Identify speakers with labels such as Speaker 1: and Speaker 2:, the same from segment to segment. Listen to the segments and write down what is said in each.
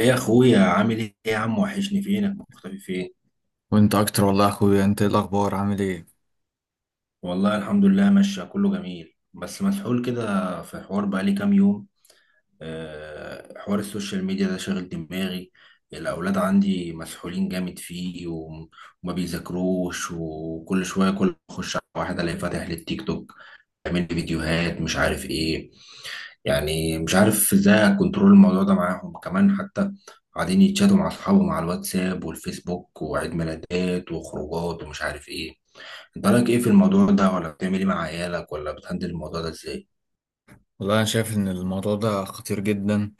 Speaker 1: ايه يا اخويا؟ عامل ايه يا عم؟ وحشني، فينك مختفي؟ فين؟
Speaker 2: وانت اكتر والله يا اخويا. انت ايه الاخبار؟ عامل ايه؟
Speaker 1: والله الحمد لله ماشية، كله جميل، بس مسحول كده في حوار بقالي كام يوم. حوار السوشيال ميديا ده شاغل دماغي. الاولاد عندي مسحولين جامد فيه. وما بيذاكروش، وكل شوية كل ما اخش على واحد الاقي فاتح للتيك توك يعمل لي فيديوهات مش عارف ايه. يعني مش عارف ازاي اكنترول الموضوع ده معاهم، كمان حتى قاعدين يتشاتوا مع اصحابهم على الواتساب والفيسبوك، وعيد ميلادات وخروجات ومش عارف ايه. انت رايك ايه في الموضوع ده؟ ولا بتعمل ايه مع عيالك؟ ولا بتهندل الموضوع ده ازاي؟
Speaker 2: والله انا شايف ان الموضوع ده خطير جدا.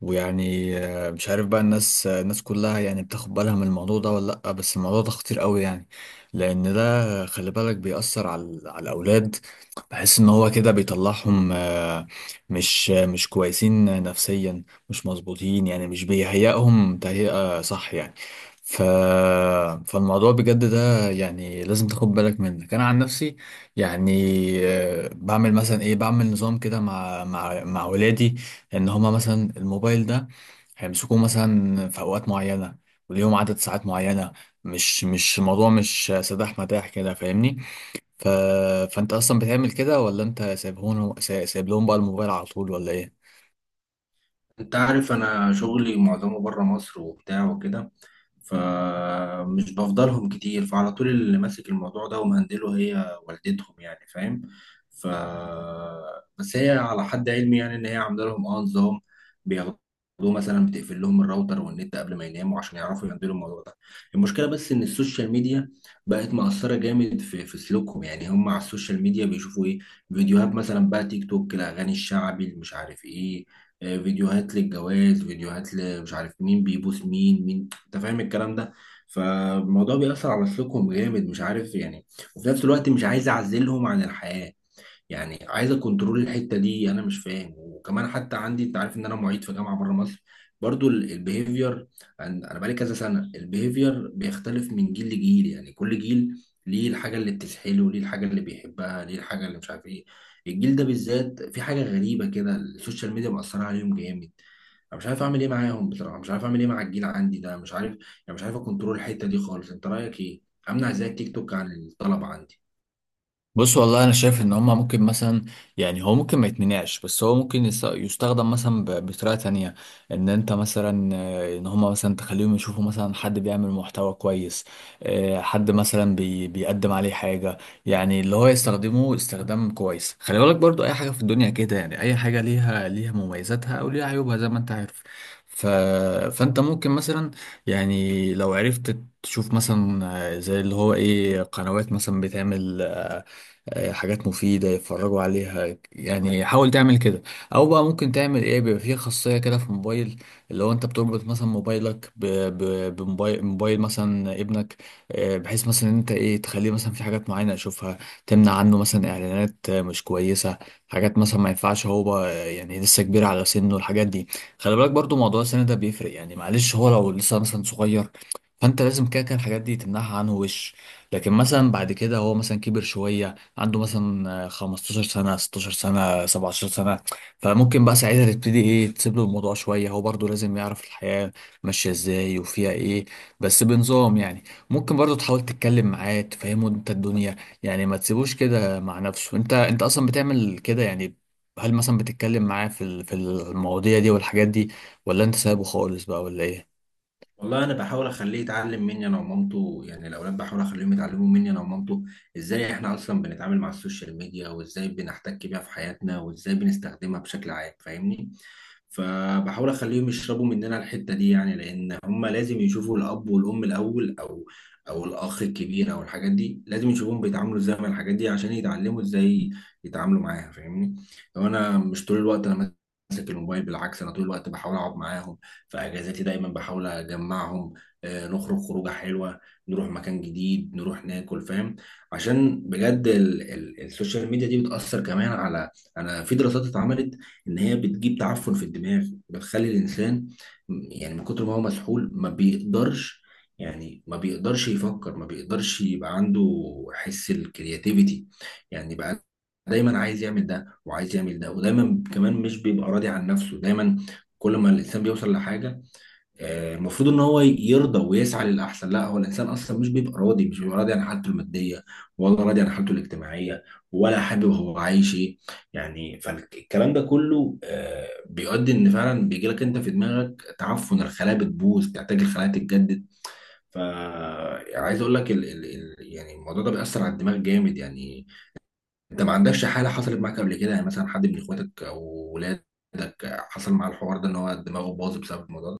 Speaker 2: ويعني مش عارف بقى الناس كلها يعني بتاخد بالها من الموضوع ده ولا لا، بس الموضوع ده خطير قوي يعني. لان ده، خلي بالك بيأثر على الاولاد. بحس ان هو كده بيطلعهم، مش كويسين نفسيا، مش مظبوطين يعني، مش بيهيئهم تهيئة صح يعني. ف... فالموضوع بجد ده يعني لازم تاخد بالك منك. انا عن نفسي يعني بعمل مثلا ايه، بعمل نظام كده مع ولادي. ان هما مثلا الموبايل ده هيمسكوه مثلا في اوقات معينه، وليهم عدد ساعات معينه. مش الموضوع مش سداح مداح كده، فاهمني؟ ف... فانت اصلا بتعمل كده، ولا انت سايب لهم بقى الموبايل على طول، ولا ايه؟
Speaker 1: انت عارف انا شغلي معظمه بره مصر وبتاع وكده، فمش بفضلهم كتير، فعلى طول اللي ماسك الموضوع ده ومهندله هي والدتهم، يعني فاهم. ف بس هي على حد علمي يعني ان هي عامله لهم اه نظام بياخدوه، مثلا بتقفل لهم الراوتر والنت قبل ما يناموا عشان يعرفوا يهندلوا الموضوع ده. المشكله بس ان السوشيال ميديا بقت مأثره جامد في سلوكهم. يعني هم على السوشيال ميديا بيشوفوا ايه؟ فيديوهات مثلا بقى تيك توك، الاغاني الشعبي اللي مش عارف ايه، فيديوهات للجواز، فيديوهات مش عارف مين بيبوس مين مين، انت فاهم الكلام ده. فالموضوع بيأثر على سلوكهم جامد، مش عارف يعني. وفي نفس الوقت مش عايز اعزلهم عن الحياة، يعني عايزه كنترول الحته دي، انا مش فاهم. وكمان حتى عندي، انت عارف ان انا معيد في جامعه بره مصر، برضو البيهيفير انا بقالي كذا سنه البيهيفير بيختلف من جيل لجيل. يعني كل جيل ليه الحاجه اللي بتسحله، ليه الحاجه اللي بيحبها، ليه الحاجه اللي مش عارف ايه. الجيل ده بالذات في حاجه غريبه كده، السوشيال ميديا مأثره عليهم جامد. انا مش عارف اعمل ايه معاهم، بصراحه مش عارف اعمل ايه مع الجيل عندي ده، مش عارف. يعني مش عارف اكنترول الحته دي خالص. انت رايك ايه؟ امنع ازاي التيك توك عن الطلبه عندي؟
Speaker 2: بص، والله انا شايف ان هما ممكن مثلا. يعني هو ممكن ما يتمنعش، بس هو ممكن يستخدم مثلا بطريقه تانية. ان انت مثلا، ان هما مثلا تخليهم يشوفوا مثلا حد بيعمل محتوى كويس. حد مثلا بيقدم عليه حاجه، يعني اللي هو يستخدمه استخدام كويس. خلي بالك برضو، اي حاجه في الدنيا كده يعني، اي حاجه ليها مميزاتها او ليها عيوبها زي ما انت عارف. ف... فانت ممكن مثلا، يعني لو عرفت تشوف مثلا، زي اللي هو ايه، قنوات مثلا بتعمل حاجات مفيدة يتفرجوا عليها. يعني حاول تعمل كده. أو بقى ممكن تعمل إيه، بيبقى فيه خاصية كده في الموبايل، اللي هو أنت بتربط مثلا موبايلك بموبايل مثلا ابنك. بحيث مثلا إن أنت إيه تخليه مثلا في حاجات معينة يشوفها، تمنع عنه مثلا إعلانات مش كويسة، حاجات مثلا ما ينفعش هو بقى يعني، لسه كبير على سنه الحاجات دي. خلي بالك برضو موضوع السن ده بيفرق يعني، معلش هو لو لسه مثلا صغير فأنت لازم كده كده الحاجات دي تمنعها عنه وش. لكن مثلا بعد كده هو مثلا كبر شوية، عنده مثلا 15 سنة، 16 سنة، 17 سنة، فممكن بقى ساعتها تبتدي ايه تسيب له الموضوع شوية. هو برضه لازم يعرف الحياة ماشية ازاي وفيها ايه، بس بنظام يعني. ممكن برضه تحاول تتكلم معاه تفهمه انت الدنيا يعني، ما تسيبوش كده مع نفسه. انت اصلا بتعمل كده يعني؟ هل مثلا بتتكلم معاه في المواضيع دي والحاجات دي، ولا انت سايبه خالص بقى، ولا ايه؟
Speaker 1: والله انا بحاول اخليه يتعلم مني انا ومامته، يعني الاولاد بحاول اخليهم يتعلموا مني انا ومامته ازاي احنا اصلا بنتعامل مع السوشيال ميديا، وازاي بنحتك بيها في حياتنا، وازاي بنستخدمها بشكل عام، فاهمني. فبحاول اخليهم يشربوا مننا الحتة دي، يعني لان هم لازم يشوفوا الاب والام الاول، او او الاخ الكبير، او الحاجات دي لازم يشوفهم بيتعاملوا ازاي مع الحاجات دي عشان يتعلموا ازاي يتعاملوا معاها، فاهمني. لو انا مش طول الوقت انا ماسك الموبايل، بالعكس انا طول الوقت بحاول اقعد معاهم، في اجازاتي دايما بحاول اجمعهم، نخرج خروجه حلوه، نروح مكان جديد، نروح ناكل، فاهم. عشان بجد ال السوشيال ميديا دي بتاثر كمان على، انا في دراسات اتعملت ان هي بتجيب تعفن في الدماغ، بتخلي الانسان يعني من كتر ما هو مسحول ما بيقدرش، يعني ما بيقدرش يفكر، ما بيقدرش يبقى عنده حس الكرياتيفيتي. يعني بقى دايما عايز يعمل ده وعايز يعمل ده، ودايما كمان مش بيبقى راضي عن نفسه. دايما كل ما الانسان بيوصل لحاجه، المفروض ان هو يرضى ويسعى للاحسن. لا، هو الانسان اصلا مش بيبقى راضي، مش بيبقى راضي عن حالته الماديه، ولا راضي عن حالته الاجتماعيه، ولا حابب هو عايش ايه يعني. فالكلام ده كله بيؤدي ان فعلا بيجي لك انت في دماغك تعفن، الخلايا بتبوظ، تحتاج الخلايا تتجدد. فعايز اقول لك ال يعني الموضوع ده بيأثر على الدماغ جامد يعني. انت ما عندكش حاله حصلت معاك قبل كده، يعني مثلا حد من اخواتك او ولادك حصل معاه الحوار ده ان هو دماغه باظ بسبب الموضوع ده؟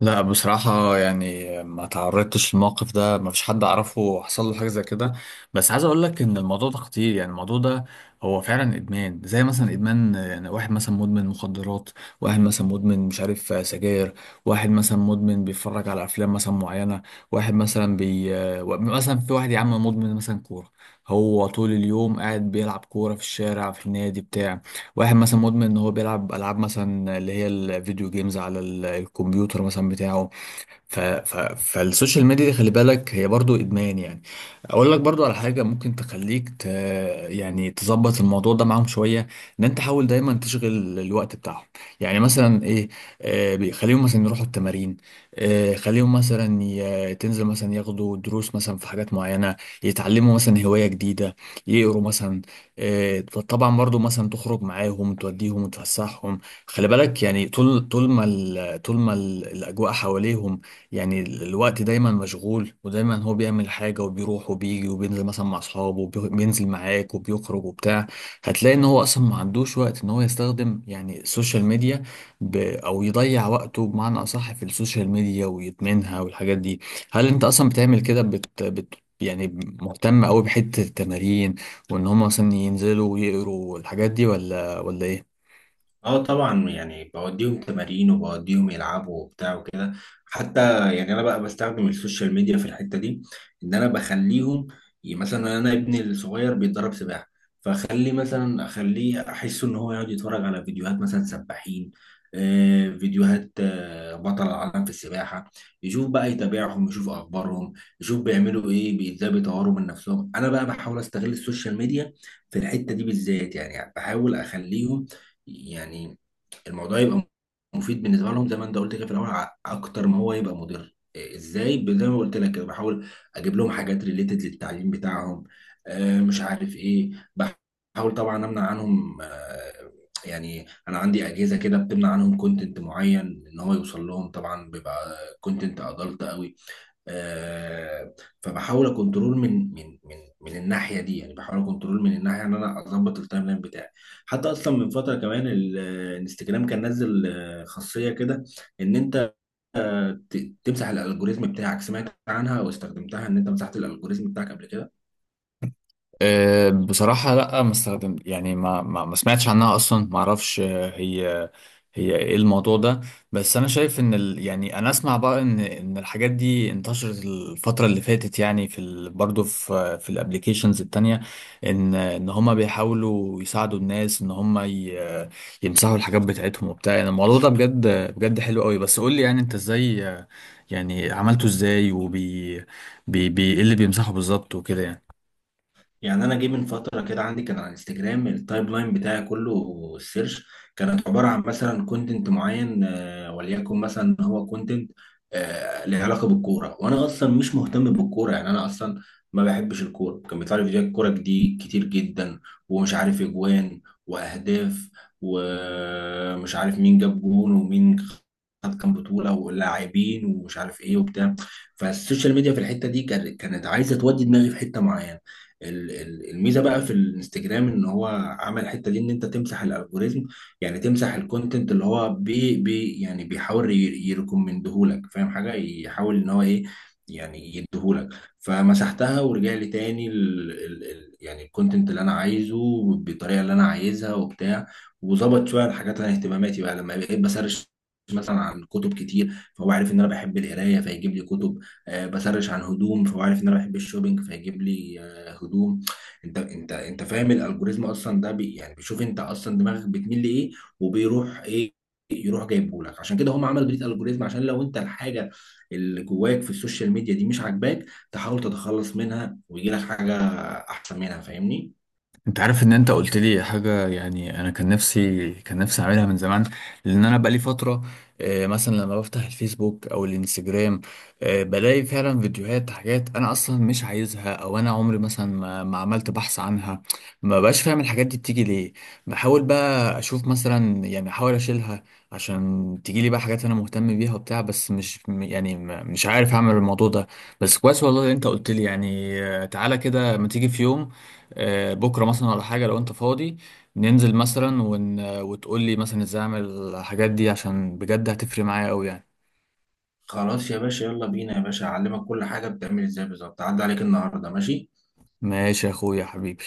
Speaker 2: لا، بصراحة يعني ما تعرضتش للموقف ده، ما فيش حد أعرفه حصل له حاجة زي كده. بس عايز أقول لك إن الموضوع ده خطير يعني. الموضوع ده هو فعلا إدمان، زي مثلا إدمان يعني، واحد مثلا مدمن مخدرات، واحد مثلا مدمن مش عارف سجاير، واحد مثلا مدمن بيتفرج على أفلام مثلا معينة، واحد مثلا بي آه، و- مثلا في واحد يا عم مدمن مثلا كورة، هو طول اليوم قاعد بيلعب كورة في الشارع في النادي بتاع. واحد مثلا مدمن ان هو بيلعب العاب مثلا اللي هي الفيديو جيمز على الكمبيوتر مثلا بتاعه. ف... ف... فالسوشيال ميديا دي خلي بالك هي برضو ادمان يعني. اقول لك برضو على حاجه ممكن تخليك يعني تظبط الموضوع ده معاهم شويه، ان انت حاول دايما تشغل الوقت بتاعهم. يعني مثلا ايه، بيخليهم مثلا يروحوا التمارين. خليهم مثلا تنزل مثلا ياخدوا دروس مثلا في حاجات معينه، يتعلموا مثلا هوايه جديده، يقروا مثلا. طبعا برضو مثلا تخرج معاهم توديهم وتفسحهم. خلي بالك يعني طول ما الاجواء حواليهم، يعني الوقت دايما مشغول، ودايما هو بيعمل حاجة وبيروح وبيجي وبينزل مثلا مع أصحابه وبينزل معاك وبيخرج وبتاع. هتلاقي إن هو أصلا ما عندوش وقت إن هو يستخدم يعني السوشيال ميديا، أو يضيع وقته بمعنى أصح في السوشيال ميديا ويدمنها والحاجات دي. هل أنت أصلا بتعمل كده يعني مهتم أوي بحتة التمارين، وإن هم مثلا ينزلوا ويقروا والحاجات دي، ولا إيه؟
Speaker 1: اه طبعا، يعني بوديهم تمارين، وبوديهم يلعبوا وبتاع وكده. حتى يعني انا بقى بستخدم السوشيال ميديا في الحته دي، ان انا بخليهم، مثلا انا ابني الصغير بيتدرب سباحه، فاخلي مثلا، اخليه احس ان هو يقعد يتفرج على فيديوهات مثلا سباحين، فيديوهات بطل العالم في السباحه، يشوف بقى، يتابعهم، يشوف اخبارهم، يشوف بيعملوا ايه، ازاي بيطوروا من نفسهم. انا بقى بحاول استغل السوشيال ميديا في الحته دي بالذات، يعني بحاول اخليهم، يعني الموضوع يبقى مفيد بالنسبه لهم زي ما انت قلت كده في الاول، اكتر ما هو يبقى مضر. إيه، ازاي زي ما قلت لك كده، بحاول اجيب لهم حاجات ريليتد للتعليم بتاعهم، مش عارف ايه. بحاول طبعا امنع عنهم يعني انا عندي اجهزه كده بتمنع عنهم كونتنت معين ان هو يوصل لهم، طبعا بيبقى كونتنت ادلت قوي، آه، فبحاول اكنترول من الناحيه دي. يعني بحاول اكنترول من الناحيه ان انا اظبط التايم لاين بتاعي. حتى اصلا من فتره كمان الانستجرام كان نزل خاصيه كده ان انت تمسح الالجوريزم بتاعك. سمعت عنها او استخدمتها ان انت مسحت الالجوريزم بتاعك قبل كده؟
Speaker 2: أه، بصراحة لا ما استخدم يعني، ما سمعتش عنها أصلا، ما أعرفش، أه، هي هي إيه الموضوع ده؟ بس أنا شايف إن ال يعني أنا أسمع بقى إن الحاجات دي انتشرت الفترة اللي فاتت يعني، في ال برضه في في الأبليكيشنز التانية، إن هما بيحاولوا يساعدوا الناس إن هما يمسحوا الحاجات بتاعتهم وبتاع. يعني الموضوع ده بجد بجد حلو قوي. بس قول لي يعني، أنت إزاي؟ يعني عملته إزاي، وبي بي بي إيه اللي بيمسحه بالظبط وكده يعني؟
Speaker 1: يعني انا جه من فتره كده، عندي كان على انستجرام التايب لاين بتاعي كله، السيرش كانت عباره عن مثلا كونتنت معين وليكن مثلا هو كونتنت له علاقه بالكوره، وانا اصلا مش مهتم بالكوره، يعني انا اصلا ما بحبش الكوره. كان بيطلع لي فيديوهات كوره دي كتير جدا، ومش عارف اجوان، واهداف، ومش عارف مين جاب جون، ومين خد كام بطوله، ولاعبين ومش عارف ايه وبتاع. فالسوشيال ميديا في الحته دي كانت كانت عايزه تودي دماغي في حته معينه. الميزه بقى في الانستجرام ان هو عمل الحته دي ان انت تمسح الالجوريزم، يعني تمسح الكونتنت اللي هو بي يعني بيحاول يريكومندهولك، فاهم حاجه، يحاول ان هو ايه، يعني يديهولك. فمسحتها ورجع لي تاني ال يعني الكونتنت اللي انا عايزه بالطريقه اللي انا عايزها وبتاع، وظبط شويه الحاجات اللي انا اهتماماتي. بقى لما بقيت بسرش مثلا عن كتب كتير، فهو عارف ان انا بحب القرايه فيجيب لي كتب، بسرش عن هدوم فهو عارف ان انا بحب الشوبينج فيجيب لي هدوم. انت فاهم الالجوريزم اصلا ده بي يعني بيشوف انت اصلا دماغك بتميل لايه وبيروح ايه، يروح جايبه لك. عشان كده هم عملوا بريد الجوريزم، عشان لو انت الحاجه اللي جواك في السوشيال ميديا دي مش عاجباك تحاول تتخلص منها، ويجي لك حاجه احسن منها، فاهمني.
Speaker 2: انت عارف ان انت قلت لي حاجه يعني، انا كان نفسي اعملها من زمان، لان انا بقالي فتره، مثلا لما بفتح الفيسبوك او الانستجرام، بلاقي فعلا فيديوهات، حاجات انا اصلا مش عايزها، او انا عمري مثلا ما عملت بحث عنها. ما بقاش فاهم الحاجات دي بتيجي ليه. بحاول بقى اشوف مثلا يعني، احاول اشيلها عشان تيجي لي بقى حاجات انا مهتم بيها وبتاع، بس مش يعني، مش عارف اعمل الموضوع ده. بس كويس والله انت قلت لي يعني. تعالى كده، ما تيجي في يوم، بكره مثلا ولا حاجه لو انت فاضي، ننزل مثلا وتقول لي مثلا ازاي اعمل الحاجات دي، عشان بجد هتفرق معايا قوي يعني.
Speaker 1: خلاص يا باشا، يلا بينا يا باشا، اعلمك كل حاجه بتعمل ازاي بالظبط. عدى عليك النهارده، ماشي؟
Speaker 2: ماشي يا اخويا حبيبي.